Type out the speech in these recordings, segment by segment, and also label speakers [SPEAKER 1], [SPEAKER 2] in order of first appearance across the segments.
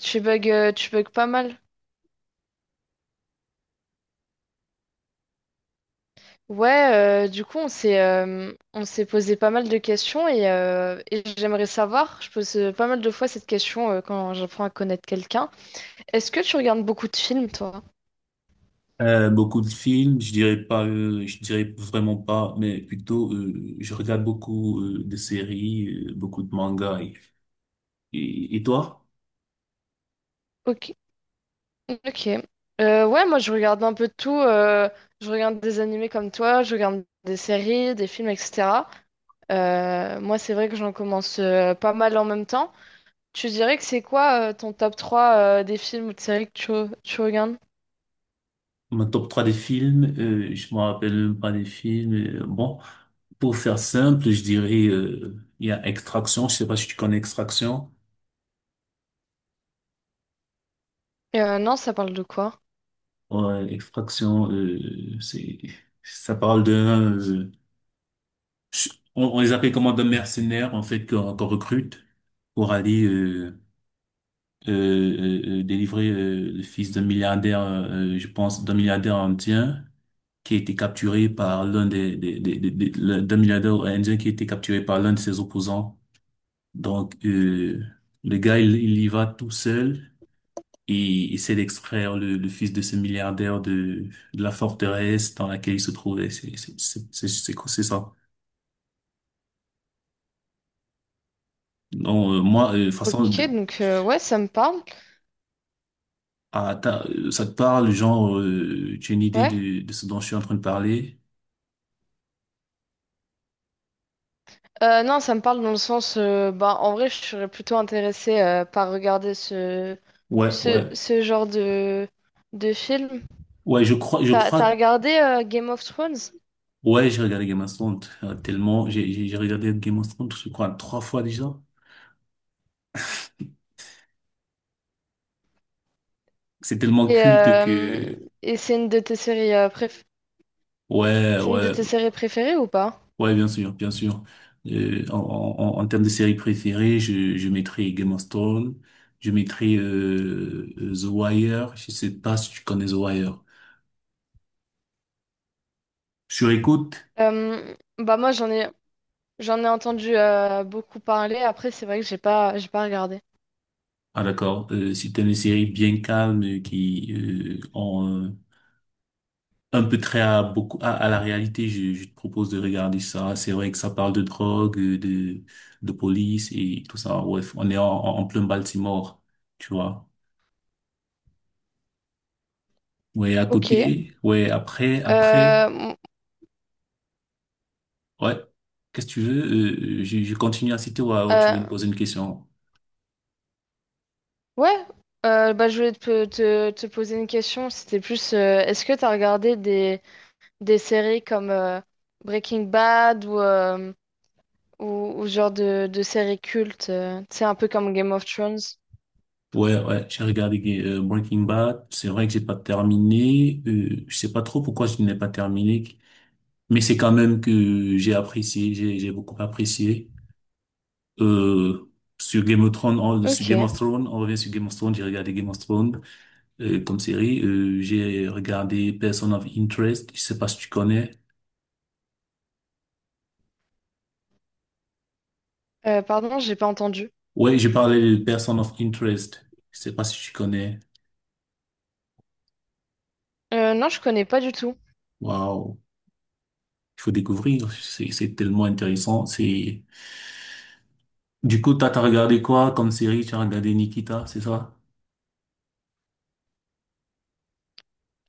[SPEAKER 1] Tu bugs pas mal. Ouais, du coup, on s'est posé pas mal de questions et j'aimerais savoir, je pose pas mal de fois cette question quand j'apprends à connaître quelqu'un. Est-ce que tu regardes beaucoup de films, toi?
[SPEAKER 2] Beaucoup de films, je dirais pas, je dirais vraiment pas, mais plutôt je regarde beaucoup de séries, beaucoup de mangas. Et toi?
[SPEAKER 1] Ok. Ok. Ouais, Moi je regarde un peu de tout. Je regarde des animés comme toi, je regarde des séries, des films, etc. Moi, c'est vrai que j'en commence pas mal en même temps. Tu dirais que c'est quoi ton top 3 des films ou de séries que tu regardes?
[SPEAKER 2] Mon top 3 des films, je me rappelle même pas des films. Bon, pour faire simple, je dirais il y a Extraction. Je sais pas si tu connais Extraction.
[SPEAKER 1] Non, ça parle de quoi?
[SPEAKER 2] Ouais, Extraction, c'est ça parle d'un, on les appelle comment, d'un mercenaire en fait qu'on recrute pour aller euh, délivrer le fils d'un milliardaire, je pense, d'un milliardaire indien qui a été capturé par l'un d'un milliardaire indien qui a été capturé par l'un de ses opposants. Donc, le gars, il y va tout seul et il essaie d'extraire le fils de ce milliardaire de la forteresse dans laquelle il se trouvait. C'est ça. Non, moi, de toute façon,
[SPEAKER 1] Ok, donc ouais, ça me parle.
[SPEAKER 2] ah, ça te parle, genre, tu as une idée
[SPEAKER 1] Ouais.
[SPEAKER 2] de ce dont je suis en train de parler?
[SPEAKER 1] Non, ça me parle dans le sens, bah, en vrai, je serais plutôt intéressée par regarder ce,
[SPEAKER 2] Ouais,
[SPEAKER 1] ce,
[SPEAKER 2] ouais.
[SPEAKER 1] ce genre de film.
[SPEAKER 2] Ouais, je
[SPEAKER 1] T'as
[SPEAKER 2] crois,
[SPEAKER 1] regardé Game of Thrones?
[SPEAKER 2] ouais, j'ai regardé Game of Thrones tellement, j'ai regardé Game of Thrones, je crois, trois fois déjà. C'est tellement
[SPEAKER 1] Et,
[SPEAKER 2] culte
[SPEAKER 1] euh,
[SPEAKER 2] que...
[SPEAKER 1] et c'est une de tes séries,
[SPEAKER 2] Ouais,
[SPEAKER 1] c'est une de
[SPEAKER 2] ouais,
[SPEAKER 1] tes séries préférées ou pas?
[SPEAKER 2] ouais, bien sûr, bien sûr. En termes de séries préférées, je mettrai Game of Thrones, je mettrai The Wire. Je sais pas si tu connais The Wire. Sur écoute.
[SPEAKER 1] Bah moi, j'en ai entendu beaucoup parler. Après, c'est vrai que j'ai pas regardé.
[SPEAKER 2] Ah d'accord, c'est une série bien calme qui, euh, un peu très à beaucoup à la réalité. Je te propose de regarder ça. C'est vrai que ça parle de drogue, de police et tout ça. Bref, on est en plein Baltimore, tu vois. Ouais, à
[SPEAKER 1] Ok.
[SPEAKER 2] côté. Ouais, après, après.
[SPEAKER 1] Euh, m-
[SPEAKER 2] Ouais. Qu'est-ce que tu veux? Je je continue à citer ou alors tu
[SPEAKER 1] euh,
[SPEAKER 2] veux me poser une question?
[SPEAKER 1] Ouais, Bah, je voulais te poser une question. C'était plus, est-ce que tu as regardé des séries comme Breaking Bad ou, ou ce genre de séries cultes, tu sais, un peu comme Game of Thrones?
[SPEAKER 2] Ouais, ouais, j'ai regardé Breaking Bad. C'est vrai que j'ai pas terminé. Je sais pas trop pourquoi je n'ai pas terminé, mais c'est quand même que j'ai apprécié, j'ai beaucoup apprécié. Euh, sur Game of Thrones, on, sur
[SPEAKER 1] Ok.
[SPEAKER 2] Game of Thrones, on revient sur Game of Thrones, j'ai regardé Game of Thrones comme série. J'ai regardé Person of Interest, je sais pas si tu connais.
[SPEAKER 1] Pardon, j'ai pas entendu.
[SPEAKER 2] Ouais, j'ai parlé de Person of Interest, je sais pas si tu connais.
[SPEAKER 1] Non, je connais pas du tout.
[SPEAKER 2] Waouh, il faut découvrir, c'est tellement intéressant. C'est Du coup, t'as regardé quoi comme série? Tu as regardé Nikita, c'est ça?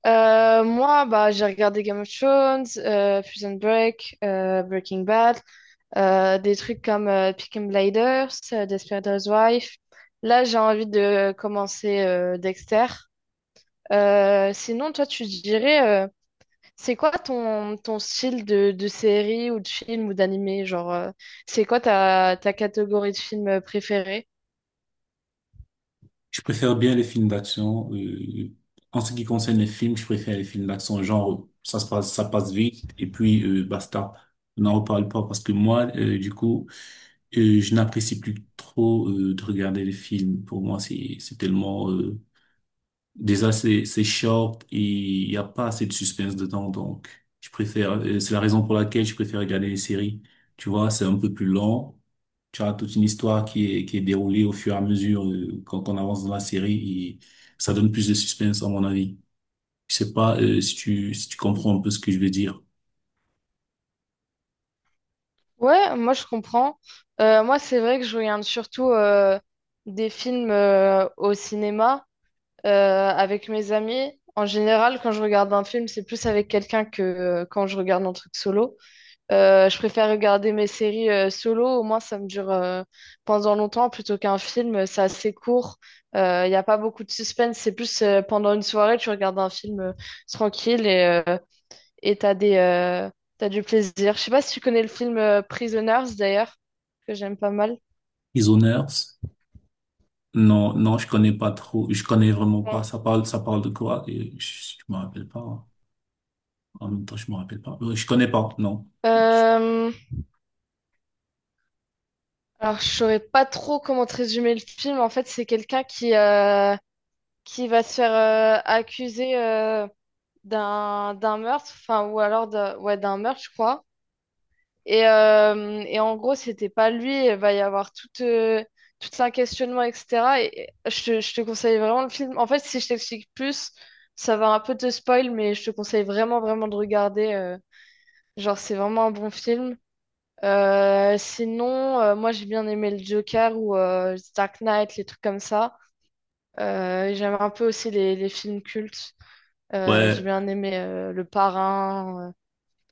[SPEAKER 1] Moi, bah, j'ai regardé Game of Thrones, Prison Break, Breaking Bad. Des trucs comme Peaky Blinders, Desperate Wife. Là, j'ai envie de commencer Dexter. Sinon, toi, tu dirais, c'est quoi ton, ton style de série ou de film ou d'animé? Genre, c'est quoi ta, ta catégorie de film préférée?
[SPEAKER 2] Je préfère bien les films d'action. En ce qui concerne les films, je préfère les films d'action, genre, ça se passe, ça passe vite, et puis basta. On n'en reparle pas parce que moi, du coup, je n'apprécie plus trop de regarder les films. Pour moi, c'est tellement... déjà, c'est short et il n'y a pas assez de suspense dedans, donc je préfère... c'est la raison pour laquelle je préfère regarder les séries. Tu vois, c'est un peu plus lent. Tu as toute une histoire qui est déroulée au fur et à mesure quand on avance dans la série et ça donne plus de suspense à mon avis. Je sais pas si tu comprends un peu ce que je veux dire.
[SPEAKER 1] Ouais, moi, je comprends. Moi, c'est vrai que je regarde surtout des films au cinéma. Avec mes amis, en général, quand je regarde un film, c'est plus avec quelqu'un que quand je regarde un truc solo. Je préfère regarder mes séries solo, au moins ça me dure pendant longtemps plutôt qu'un film, c'est assez court, il n'y a pas beaucoup de suspense, c'est plus pendant une soirée, tu regardes un film tranquille et et t'as des, euh, t'as du plaisir. Je sais pas si tu connais le film Prisoners d'ailleurs, que j'aime pas mal.
[SPEAKER 2] Isoners? Non, non, je connais pas trop. Je connais vraiment pas.
[SPEAKER 1] Ouais.
[SPEAKER 2] Ça parle de quoi? Je je, me rappelle pas, hein. En même temps, je me rappelle pas. Je connais pas, non.
[SPEAKER 1] Euh, Alors, je saurais pas trop comment te résumer le film. En fait, c'est quelqu'un qui va se faire accuser d'un meurtre, enfin, ou alors de, ouais, d'un meurtre, je crois. Et en gros, c'était pas lui. Il va y avoir tout un questionnement, etc. Je te conseille vraiment le film. En fait, si je t'explique plus, ça va un peu te spoil, mais je te conseille vraiment, vraiment de regarder. Genre, c'est vraiment un bon film. Sinon, moi j'ai bien aimé le Joker ou Dark Knight, les trucs comme ça. J'aime un peu aussi les films cultes. J'ai
[SPEAKER 2] Ouais,
[SPEAKER 1] bien aimé Le Parrain,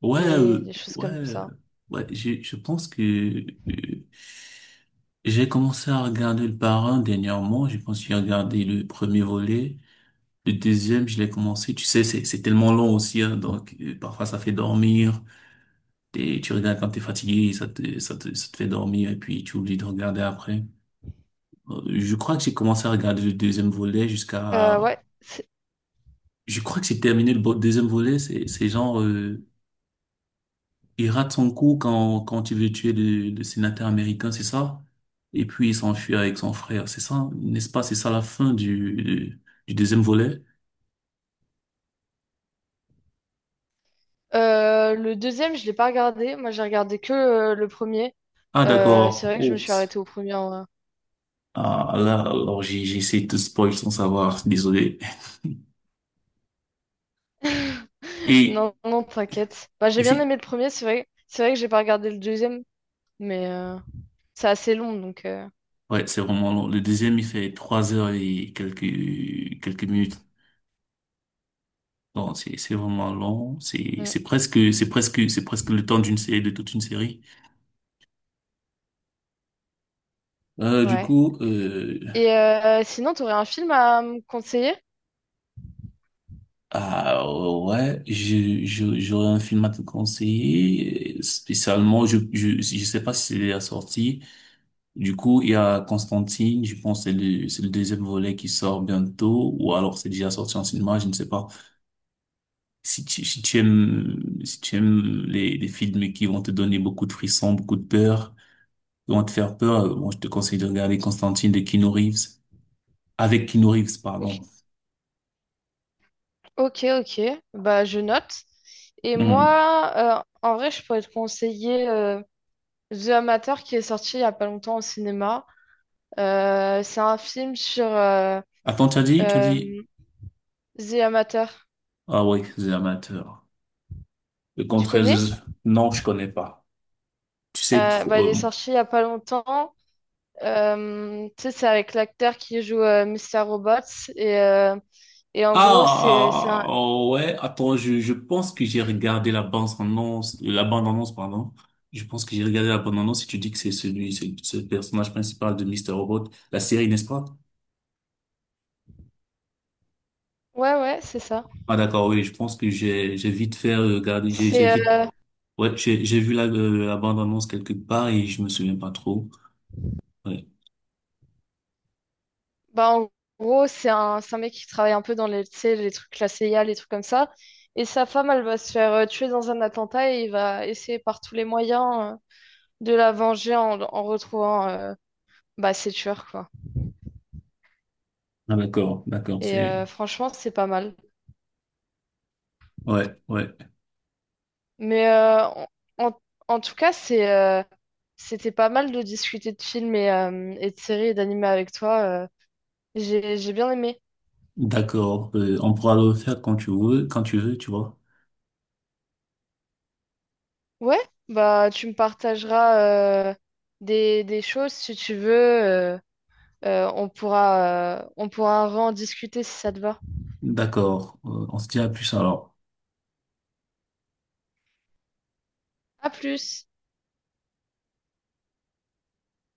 [SPEAKER 2] ouais,
[SPEAKER 1] les choses
[SPEAKER 2] ouais,
[SPEAKER 1] comme ça.
[SPEAKER 2] ouais, je pense que j'ai commencé à regarder le Parrain dernièrement. Je pense que j'ai regardé le premier volet. Le deuxième, je l'ai commencé. Tu sais, c'est tellement long aussi, hein, donc parfois ça fait dormir. Et tu regardes quand t'es fatigué, ça te fait dormir et puis tu oublies de regarder après. Je crois que j'ai commencé à regarder le deuxième volet
[SPEAKER 1] Euh, ouais.
[SPEAKER 2] jusqu'à...
[SPEAKER 1] c'est-
[SPEAKER 2] Je crois que j'ai terminé le deuxième volet. C'est genre... Il rate son coup quand il veut tuer le sénateur américain, c'est ça? Et puis il s'enfuit avec son frère, c'est ça? N'est-ce pas? C'est ça la fin du, du deuxième volet?
[SPEAKER 1] le deuxième, je l'ai pas regardé. Moi j'ai regardé que le premier.
[SPEAKER 2] Ah,
[SPEAKER 1] C'est
[SPEAKER 2] d'accord.
[SPEAKER 1] vrai que je me suis
[SPEAKER 2] Oups.
[SPEAKER 1] arrêtée au premier. En vrai.
[SPEAKER 2] Ah, là, alors j'ai essayé de te spoil sans savoir, désolé. Et,
[SPEAKER 1] Non, non, t'inquiète. Bah,
[SPEAKER 2] et
[SPEAKER 1] j'ai bien
[SPEAKER 2] c'est,
[SPEAKER 1] aimé le premier, c'est vrai. C'est vrai que j'ai pas regardé le deuxième, mais c'est assez long donc.
[SPEAKER 2] ouais, c'est vraiment long. Le deuxième, il fait 3 heures et quelques minutes. Non, c'est vraiment long.
[SPEAKER 1] mm,
[SPEAKER 2] C'est presque le temps d'une série, de toute une série. Du
[SPEAKER 1] Ouais.
[SPEAKER 2] coup...
[SPEAKER 1] Et sinon, tu aurais un film à me conseiller?
[SPEAKER 2] Ah ouais, j'aurais un film à te conseiller. Spécialement, je sais pas si c'est la sortie. Du coup, il y a Constantine. Je pense que c'est c'est le deuxième volet qui sort bientôt, ou alors c'est déjà sorti en cinéma, je ne sais pas. Si tu aimes, si tu aimes les films qui vont te donner beaucoup de frissons, beaucoup de peur, qui vont te faire peur, bon, je te conseille de regarder Constantine de Keanu Reeves. Avec Keanu Reeves,
[SPEAKER 1] Ok.
[SPEAKER 2] pardon.
[SPEAKER 1] Ok, ok. Bah, je note. Et
[SPEAKER 2] Hmm.
[SPEAKER 1] moi, en vrai, je pourrais te conseiller The Amateur qui est sorti il y a pas longtemps au cinéma. C'est un film sur
[SPEAKER 2] Attends, tu as
[SPEAKER 1] euh,
[SPEAKER 2] dit...
[SPEAKER 1] The Amateur.
[SPEAKER 2] Ah ouais, c'est amateur. Le
[SPEAKER 1] Tu connais?
[SPEAKER 2] Contreras, non, je connais pas. Tu sais trop.
[SPEAKER 1] Bah, il est sorti il y a pas longtemps. Tu sais, c'est avec l'acteur qui joue Mr. Robots. Et
[SPEAKER 2] Ah,
[SPEAKER 1] en gros, c'est
[SPEAKER 2] ah,
[SPEAKER 1] un...
[SPEAKER 2] ah, oh, ouais. Attends, je pense que j'ai regardé la bande annonce, pardon. Je pense que j'ai regardé la bande annonce. Si tu dis que c'est le personnage principal de Mister Robot, la série, n'est-ce pas?
[SPEAKER 1] Ouais, ouais, c'est ça.
[SPEAKER 2] Ah d'accord, oui. Je pense que j'ai vite fait regarder. J'ai
[SPEAKER 1] C'est
[SPEAKER 2] vite. Ouais, j'ai vu la la bande annonce quelque part et je me souviens pas trop. Ouais.
[SPEAKER 1] Bah, en gros, c'est un mec qui travaille un peu dans les, tu sais, les trucs, la CIA, les trucs comme ça. Et sa femme, elle va se faire tuer dans un attentat et il va essayer par tous les moyens de la venger en, en retrouvant bah, ses tueurs, quoi.
[SPEAKER 2] Ah d'accord, d'accord.
[SPEAKER 1] Et
[SPEAKER 2] C'est...
[SPEAKER 1] franchement, c'est pas mal.
[SPEAKER 2] Ouais, ouais.
[SPEAKER 1] Mais euh, en, en- En tout cas, c'était pas mal de discuter de films et de séries et d'animés avec toi. J'ai j'ai bien aimé.
[SPEAKER 2] D'accord. On pourra le faire quand tu veux, tu vois.
[SPEAKER 1] Ouais, bah, tu me partageras des choses si tu veux. euh, on pourra, on pourra en discuter si ça te va.
[SPEAKER 2] D'accord. On se dit à plus alors.
[SPEAKER 1] À plus!